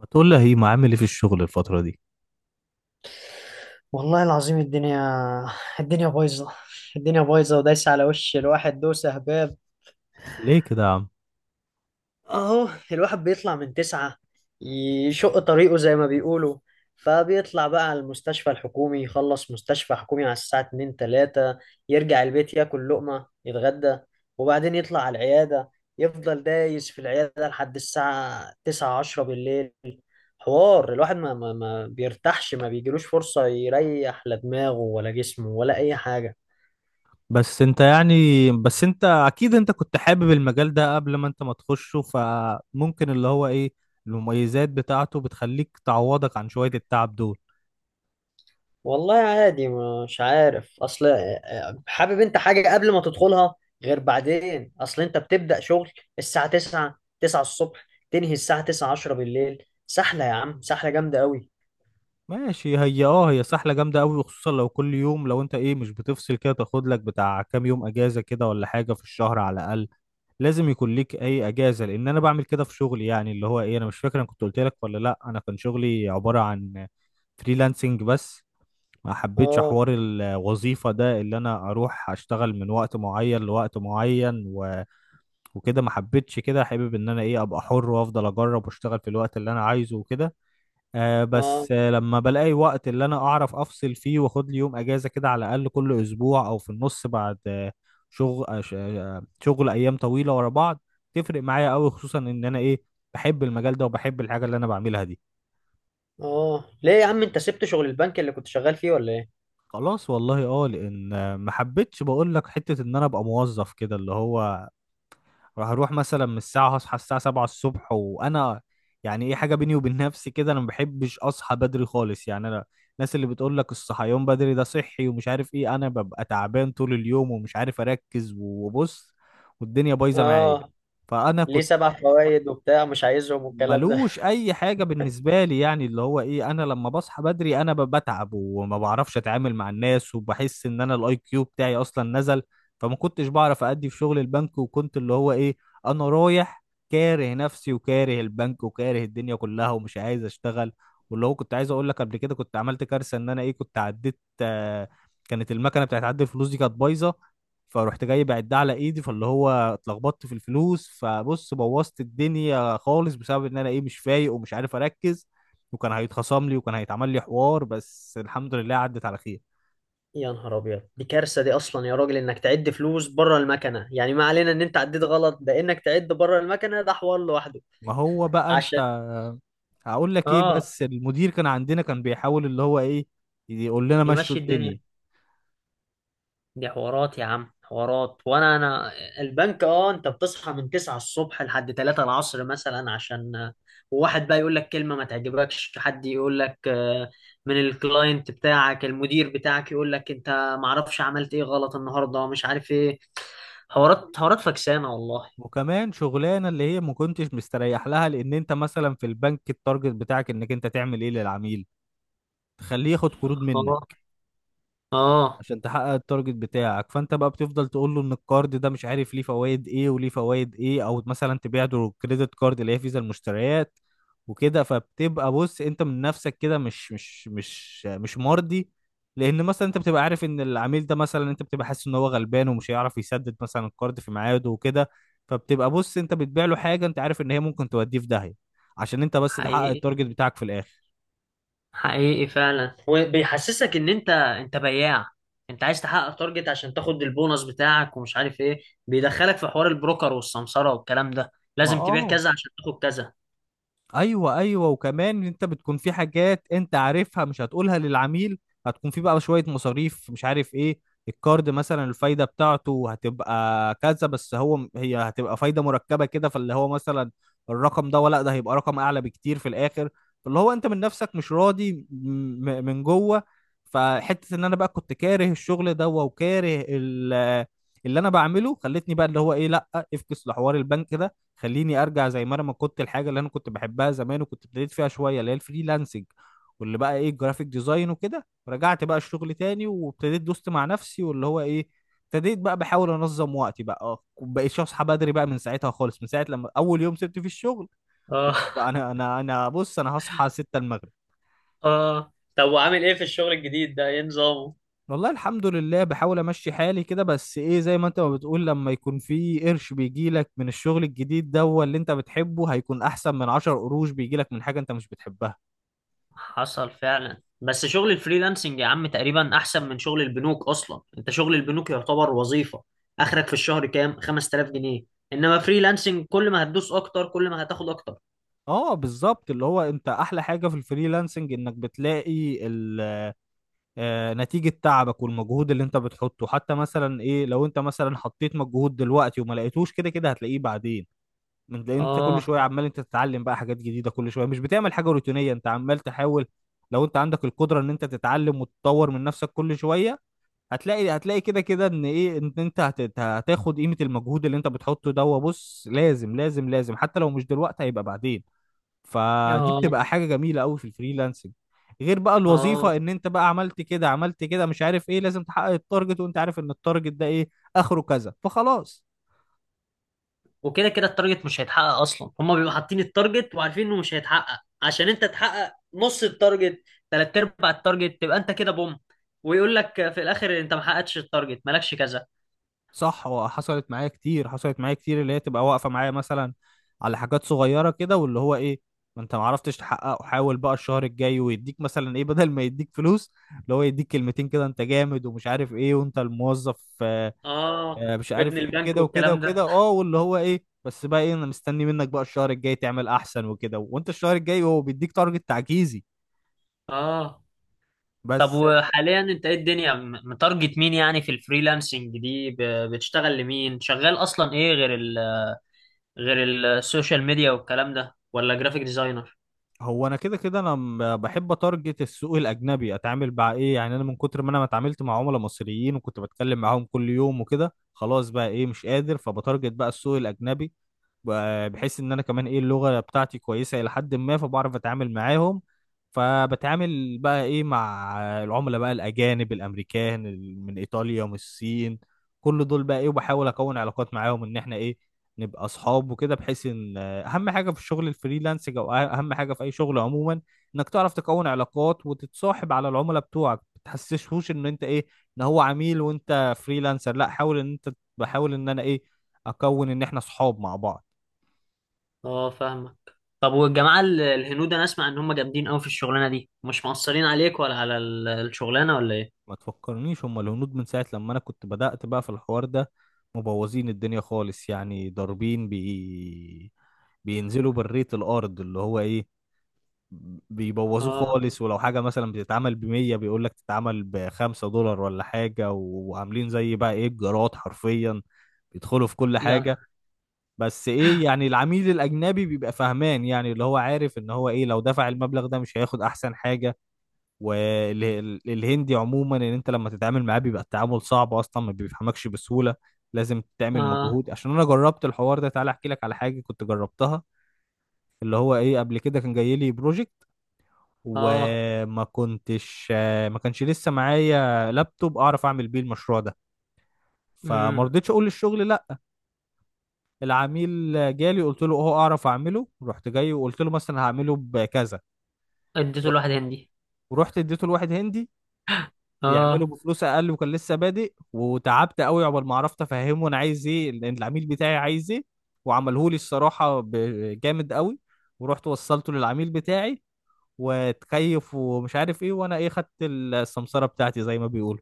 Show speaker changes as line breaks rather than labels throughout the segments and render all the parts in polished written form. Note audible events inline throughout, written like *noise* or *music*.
ما تقول لي هيما عامل ايه في الشغل الفترة دي؟
والله العظيم. الدنيا بايظة. الدنيا بايظة ودايسة على وش الواحد دوسة هباب.
ليه كده يا عم؟
اهو الواحد بيطلع من تسعة، يشق طريقه زي ما بيقولوا، فبيطلع بقى على المستشفى الحكومي، يخلص مستشفى حكومي على الساعة اتنين تلاتة، يرجع البيت ياكل لقمة يتغدى، وبعدين يطلع على العيادة، يفضل دايس في العيادة لحد الساعة تسعة عشرة بالليل. حوار الواحد ما بيرتاحش، ما بيجيلوش فرصة يريح لا دماغه ولا جسمه ولا أي حاجة.
بس انت يعني بس انت اكيد انت كنت حابب المجال ده قبل ما انت ما تخشه، فممكن اللي هو ايه المميزات بتاعته بتخليك تعوضك عن شوية التعب دول.
والله عادي، مش عارف. أصل حابب أنت حاجة قبل ما تدخلها، غير بعدين. أصل أنت بتبدأ شغل الساعة 9 9 الصبح، تنهي الساعة 9 10 بالليل. سحلة يا عم، سحلة جامدة قوي.
ماشي، هي اه هي سحلة جامدة قوي، وخصوصا لو كل يوم. لو انت ايه مش بتفصل كده، تاخد لك بتاع كام يوم اجازة كده ولا حاجة في الشهر على الاقل. لازم يكون ليك اي اجازة، لان انا بعمل كده في شغلي. يعني اللي هو ايه، انا مش فاكر انا كنت قلت لك ولا لا. انا كان شغلي عبارة عن فريلانسنج بس. ما حبيتش
آه
حوار الوظيفة ده، اللي انا اروح اشتغل من وقت معين لوقت معين و... وكده ما حبيتش كده. حابب ان انا ايه ابقى حر وافضل اجرب واشتغل في الوقت اللي انا عايزه وكده.
آه
بس لما بلاقي وقت اللي انا اعرف افصل فيه واخد لي يوم اجازة كده على الاقل كل اسبوع او في النص. بعد شغل، شغل ايام طويلة ورا بعض، تفرق معايا قوي، خصوصا ان انا ايه بحب المجال ده وبحب الحاجة اللي انا بعملها دي.
ليه يا عم أنت سبت شغل البنك اللي كنت شغال فيه ولا إيه؟
خلاص والله اه، لان ما حبيتش، بقول لك، حته ان انا ابقى موظف كده. اللي هو راح اروح مثلا من الساعه، هصحى الساعه 7 الصبح، وانا يعني ايه، حاجه بيني وبين نفسي كده، انا ما بحبش اصحى بدري خالص. يعني انا الناس اللي بتقول لك الصحيان بدري ده صحي ومش عارف ايه، انا ببقى تعبان طول اليوم ومش عارف اركز، وبص والدنيا بايظه معايا.
آه،
فانا
ليه
كنت
سبع فوائد وبتاع مش عايزهم والكلام.
ملوش اي حاجه بالنسبه لي. يعني اللي هو ايه، انا لما بصحى بدري انا بتعب، وما بعرفش اتعامل مع الناس، وبحس ان انا الاي كيو بتاعي اصلا نزل. فما كنتش بعرف ادي في شغل البنك، وكنت اللي هو ايه انا رايح كاره نفسي وكاره البنك وكاره الدنيا كلها ومش عايز اشتغل. واللي هو كنت عايز اقول لك قبل كده، كنت عملت كارثه. ان انا ايه كنت عديت، كانت المكنه بتاعت عد الفلوس دي كانت بايظه، فروحت جاي بعدها على ايدي، فاللي هو اتلخبطت في الفلوس. فبص بوظت الدنيا خالص، بسبب ان انا ايه مش فايق ومش عارف اركز. وكان هيتخصم لي وكان هيتعمل لي حوار، بس الحمد لله عدت على خير.
يا نهار ابيض، دي كارثه دي اصلا يا راجل، انك تعد فلوس بره المكنه. يعني ما علينا ان انت عديت غلط، ده انك تعد بره المكنه ده حوار لوحده.
ما هو بقى انت
عشان.
هقول لك ايه،
اه.
بس المدير كان عندنا كان بيحاول اللي هو ايه يقول لنا مشوا
يمشي الدنيا.
الدنيا.
دي حوارات يا عم، حوارات. وانا البنك. اه انت بتصحى من 9 الصبح لحد 3 العصر مثلا، عشان وواحد بقى يقول لك كلمه ما تعجبكش، حد يقول لك من الكلاينت بتاعك، المدير بتاعك، يقول لك انت ما اعرفش عملت ايه غلط النهارده، مش عارف ايه. حوارات حوارات فكسانه والله.
وكمان شغلانه اللي هي ما كنتش مستريح لها، لان انت مثلا في البنك، التارجت بتاعك انك انت تعمل ايه للعميل تخليه ياخد قروض
آه.
منك،
اه.
عشان تحقق التارجت بتاعك. فانت بقى بتفضل تقول له ان الكارد ده مش عارف ليه فوائد ايه وليه فوائد ايه، او مثلا تبيع له كريدت كارد اللي هي فيزا المشتريات وكده. فبتبقى بص انت من نفسك كده مش مرضي، لان مثلا انت بتبقى عارف ان العميل ده، مثلا انت بتبقى حاسس ان هو غلبان ومش هيعرف يسدد مثلا الكارد في ميعاده وكده. فبتبقى بص انت بتبيع له حاجه انت عارف ان هي ممكن توديه في داهيه، عشان انت بس تحقق
حقيقي
التارجت بتاعك في الاخر.
حقيقي فعلا، وبيحسسك ان انت بياع، انت عايز تحقق تارجت عشان تاخد البونص بتاعك ومش عارف ايه. بيدخلك في حوار البروكر والسمسرة والكلام ده،
ما
لازم تبيع
اه،
كذا عشان تاخد كذا.
ايوه ايوه، وكمان انت بتكون في حاجات انت عارفها مش هتقولها للعميل. هتكون في بقى شويه مصاريف مش عارف ايه. الكارد مثلا الفايده بتاعته هتبقى كذا، بس هي هتبقى فايده مركبه كده. فاللي هو مثلا الرقم ده ولا ده هيبقى رقم اعلى بكتير في الاخر. فاللي هو انت من نفسك مش راضي، من جوه. فحته ان انا بقى كنت كاره الشغل ده وكاره اللي انا بعمله، خلتني بقى اللي هو ايه لا افكس لحوار البنك ده. خليني ارجع زي ما انا ما كنت، الحاجه اللي انا كنت بحبها زمان وكنت ابتديت فيها شويه اللي هي الفريلانسنج، واللي بقى ايه الجرافيك ديزاين وكده. رجعت بقى الشغل تاني، وابتديت دوست مع نفسي، واللي هو ايه ابتديت بقى بحاول انظم وقتي بقى اه. بقيت اصحى بدري بقى من ساعتها خالص، من ساعه لما اول يوم سبت فيه الشغل.
اه
بقى
*laughs*
انا بص انا هصحى 6 المغرب.
اه طب وعامل ايه في الشغل الجديد ده؟ ايه نظامه؟
والله الحمد لله بحاول امشي حالي كده، بس ايه زي ما انت ما بتقول، لما يكون في قرش بيجيلك من الشغل الجديد ده هو اللي انت بتحبه، هيكون احسن من 10 قروش بيجيلك من حاجة انت مش بتحبها.
حصل فعلا، بس شغل الفريلانسنج يا عم تقريبا احسن من شغل البنوك اصلا. انت شغل البنوك يعتبر وظيفة، اخرك في الشهر كام؟ 5000 جنيه. انما فريلانسنج، كل ما هتدوس اكتر كل ما هتاخد اكتر.
اه بالظبط، اللي هو انت احلى حاجه في الفريلانسنج، انك بتلاقي نتيجه تعبك والمجهود اللي انت بتحطه. حتى مثلا ايه لو انت مثلا حطيت مجهود دلوقتي وما لقيتوش، كده كده هتلاقيه بعدين. لأن انت كل
اه.
شويه عمال انت تتعلم بقى حاجات جديده كل شويه، مش بتعمل حاجه روتينيه، انت عمال تحاول. لو انت عندك القدره ان انت تتعلم وتطور من نفسك كل شويه، هتلاقي كده كده ان ايه، ان انت هتاخد قيمه المجهود اللي انت بتحطه ده. وبص لازم لازم لازم، حتى لو مش دلوقتي هيبقى بعدين. فدي
اه.
بتبقى حاجة جميلة قوي في الفريلانسنج. غير بقى
اه
الوظيفة ان انت بقى عملت كده عملت كده مش عارف ايه، لازم تحقق التارجت، وانت عارف ان التارجت ده ايه اخره كذا، فخلاص.
وكده كده التارجت مش هيتحقق اصلا. هما بيبقوا حاطين التارجت وعارفين انه مش هيتحقق، عشان انت تحقق نص التارجت، تلات ارباع التارجت، تبقى انت كده بوم، ويقول لك في الاخر انت ما حققتش التارجت، مالكش كذا.
صح. وحصلت معايا كتير، اللي هي تبقى واقفة معايا مثلا على حاجات صغيرة كده. واللي هو ايه، ما انت ما عرفتش تحققه، حاول بقى الشهر الجاي. ويديك مثلا ايه، بدل ما يديك فلوس، اللي هو يديك كلمتين كده، انت جامد ومش عارف ايه وانت الموظف
اه
مش
ابن
عارف ايه
البنك
وكده وكده
والكلام
وكده
ده.
اه. واللي هو ايه بس بقى ايه انا مستني منك بقى الشهر الجاي تعمل احسن وكده، وانت الشهر الجاي هو بيديك تارجت تعجيزي
اه طب
بس.
وحاليا انت ايه الدنيا متارجت مين يعني في الفريلانسنج دي؟ بتشتغل لمين؟ شغال اصلا ايه غير ال، غير السوشيال ميديا والكلام ده، ولا جرافيك ديزاينر؟
هو انا كده كده انا بحب اتارجت السوق الاجنبي، اتعامل مع ايه. يعني انا من كتر ما انا ما اتعاملت مع عملاء مصريين وكنت بتكلم معاهم كل يوم وكده، خلاص بقى ايه مش قادر. فبتارجت بقى السوق الاجنبي، بحيث ان انا كمان ايه اللغه بتاعتي كويسه الى حد ما، فبعرف اتعامل معاهم. فبتعامل بقى ايه مع العملاء بقى الاجانب، الامريكان، من ايطاليا، من الصين، كل دول بقى ايه. وبحاول اكون علاقات معاهم ان احنا ايه نبقى اصحاب وكده، بحيث ان اهم حاجه في الشغل الفريلانس، او اهم حاجه في اي شغل عموما، انك تعرف تكون علاقات وتتصاحب على العملاء بتوعك. ما تحسسهوش ان انت ايه ان هو عميل وانت فريلانسر، لا حاول ان انت، بحاول ان انا ايه اكون ان احنا اصحاب مع بعض.
اه فاهمك. طب والجماعة الهنود، انا اسمع ان هم جامدين قوي في الشغلانة دي، مش مقصرين عليك ولا على الشغلانة ولا ايه؟
ما تفكرنيش، هم الهنود من ساعة لما أنا كنت بدأت بقى في الحوار ده مبوظين الدنيا خالص. يعني ضاربين بينزلوا بالريت الأرض، اللي هو إيه بيبوظوه
اه
خالص. ولو حاجة مثلا بتتعمل بـ100، بيقول لك تتعمل بـ$5 ولا حاجة. وعاملين زي بقى إيه الجراد حرفيا، بيدخلوا في كل
يعني.
حاجة. بس إيه يعني العميل الأجنبي بيبقى فاهمان، يعني اللي هو عارف إن هو إيه لو دفع المبلغ ده مش هياخد أحسن حاجة. والهندي عموما ان انت لما تتعامل معاه بيبقى التعامل صعب، اصلا ما بيفهمكش بسهولة، لازم تعمل
اه.
مجهود. عشان انا جربت الحوار ده، تعالى احكي لك على حاجة كنت جربتها. اللي هو ايه، قبل كده كان جاي لي بروجكت،
اه.
وما كنتش ما كانش لسه معايا لابتوب اعرف اعمل بيه المشروع ده. فما
امم.
رضيتش اقول للشغل لا. العميل جالي، قلت له اه اعرف اعمله. رحت جاي وقلت له مثلا هعمله بكذا.
اديته
رحت
لواحد هندي.
ورحت اديته لواحد هندي يعمله
اه.
بفلوس اقل، وكان لسه بادئ. وتعبت قوي عقبال ما عرفت افهمه انا عايز ايه، لان العميل بتاعي عايز ايه. وعمله لي الصراحه جامد قوي. ورحت وصلته للعميل بتاعي، وتكيف ومش عارف ايه، وانا ايه خدت السمسره بتاعتي زي ما بيقولوا.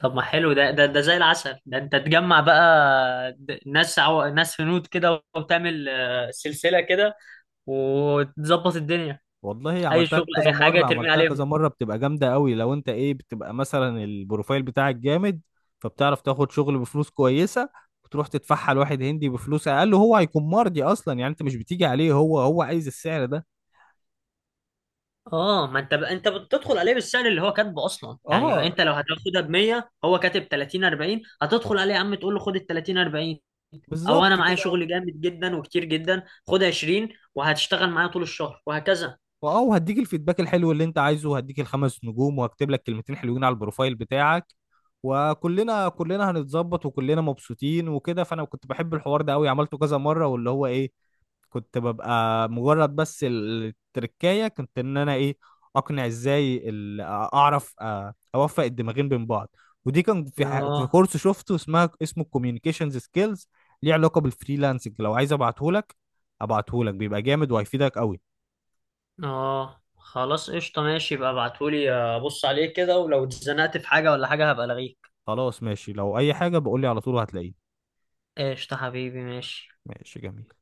طب ما حلو ده. زي العسل ده، انت تجمع بقى ناس ناس هنود كده، وتعمل سلسلة كده وتظبط الدنيا.
والله
اي
عملتها
شغل
كذا
اي حاجة
مره،
ترمي عليهم.
بتبقى جامده قوي. لو انت ايه بتبقى مثلا البروفايل بتاعك جامد، فبتعرف تاخد شغل بفلوس كويسه، وتروح تدفعها لواحد هندي بفلوس اقل، وهو هيكون مرضي اصلا. يعني انت مش بتيجي عليه، هو عايز السعر ده.
اه، ما انت انت بتدخل عليه بالسعر اللي هو كاتبه اصلا، يعني
اه
انت لو هتاخدها ب 100، هو كاتب 30 40، هتدخل عليه يا عم تقول له خد ال 30 40، او انا
بالظبط
معايا
كده.
شغل جامد جدا وكتير جدا، خد 20 وهتشتغل معايا طول الشهر وهكذا.
اه وهديك الفيدباك الحلو اللي انت عايزه، وهديك الـ5 نجوم، وهكتب لك كلمتين حلوين على البروفايل بتاعك. كلنا هنتظبط وكلنا مبسوطين وكده. فانا كنت بحب الحوار ده قوي، عملته كذا مره، واللي هو ايه كنت ببقى مجرد بس التركاية. كنت ان انا ايه اقنع ازاي اعرف اوفق الدماغين بين بعض. ودي كان في في
اه.
كورس شفته اسمه كوميونيكيشنز سكيلز، ليه علاقة بالفريلانسنج. لو عايز ابعتهولك، ابعتهولك بيبقى جامد وهيفيدك قوي.
اه خلاص قشطه، ماشي بقى، ابعتهولي ابص عليه كده، ولو اتزنقت في حاجه ولا حاجه هبقى الغيك.
خلاص ماشي، لو اي حاجة بقولي على طول وهتلاقيه.
قشطه حبيبي، ماشي.
ماشي جميل.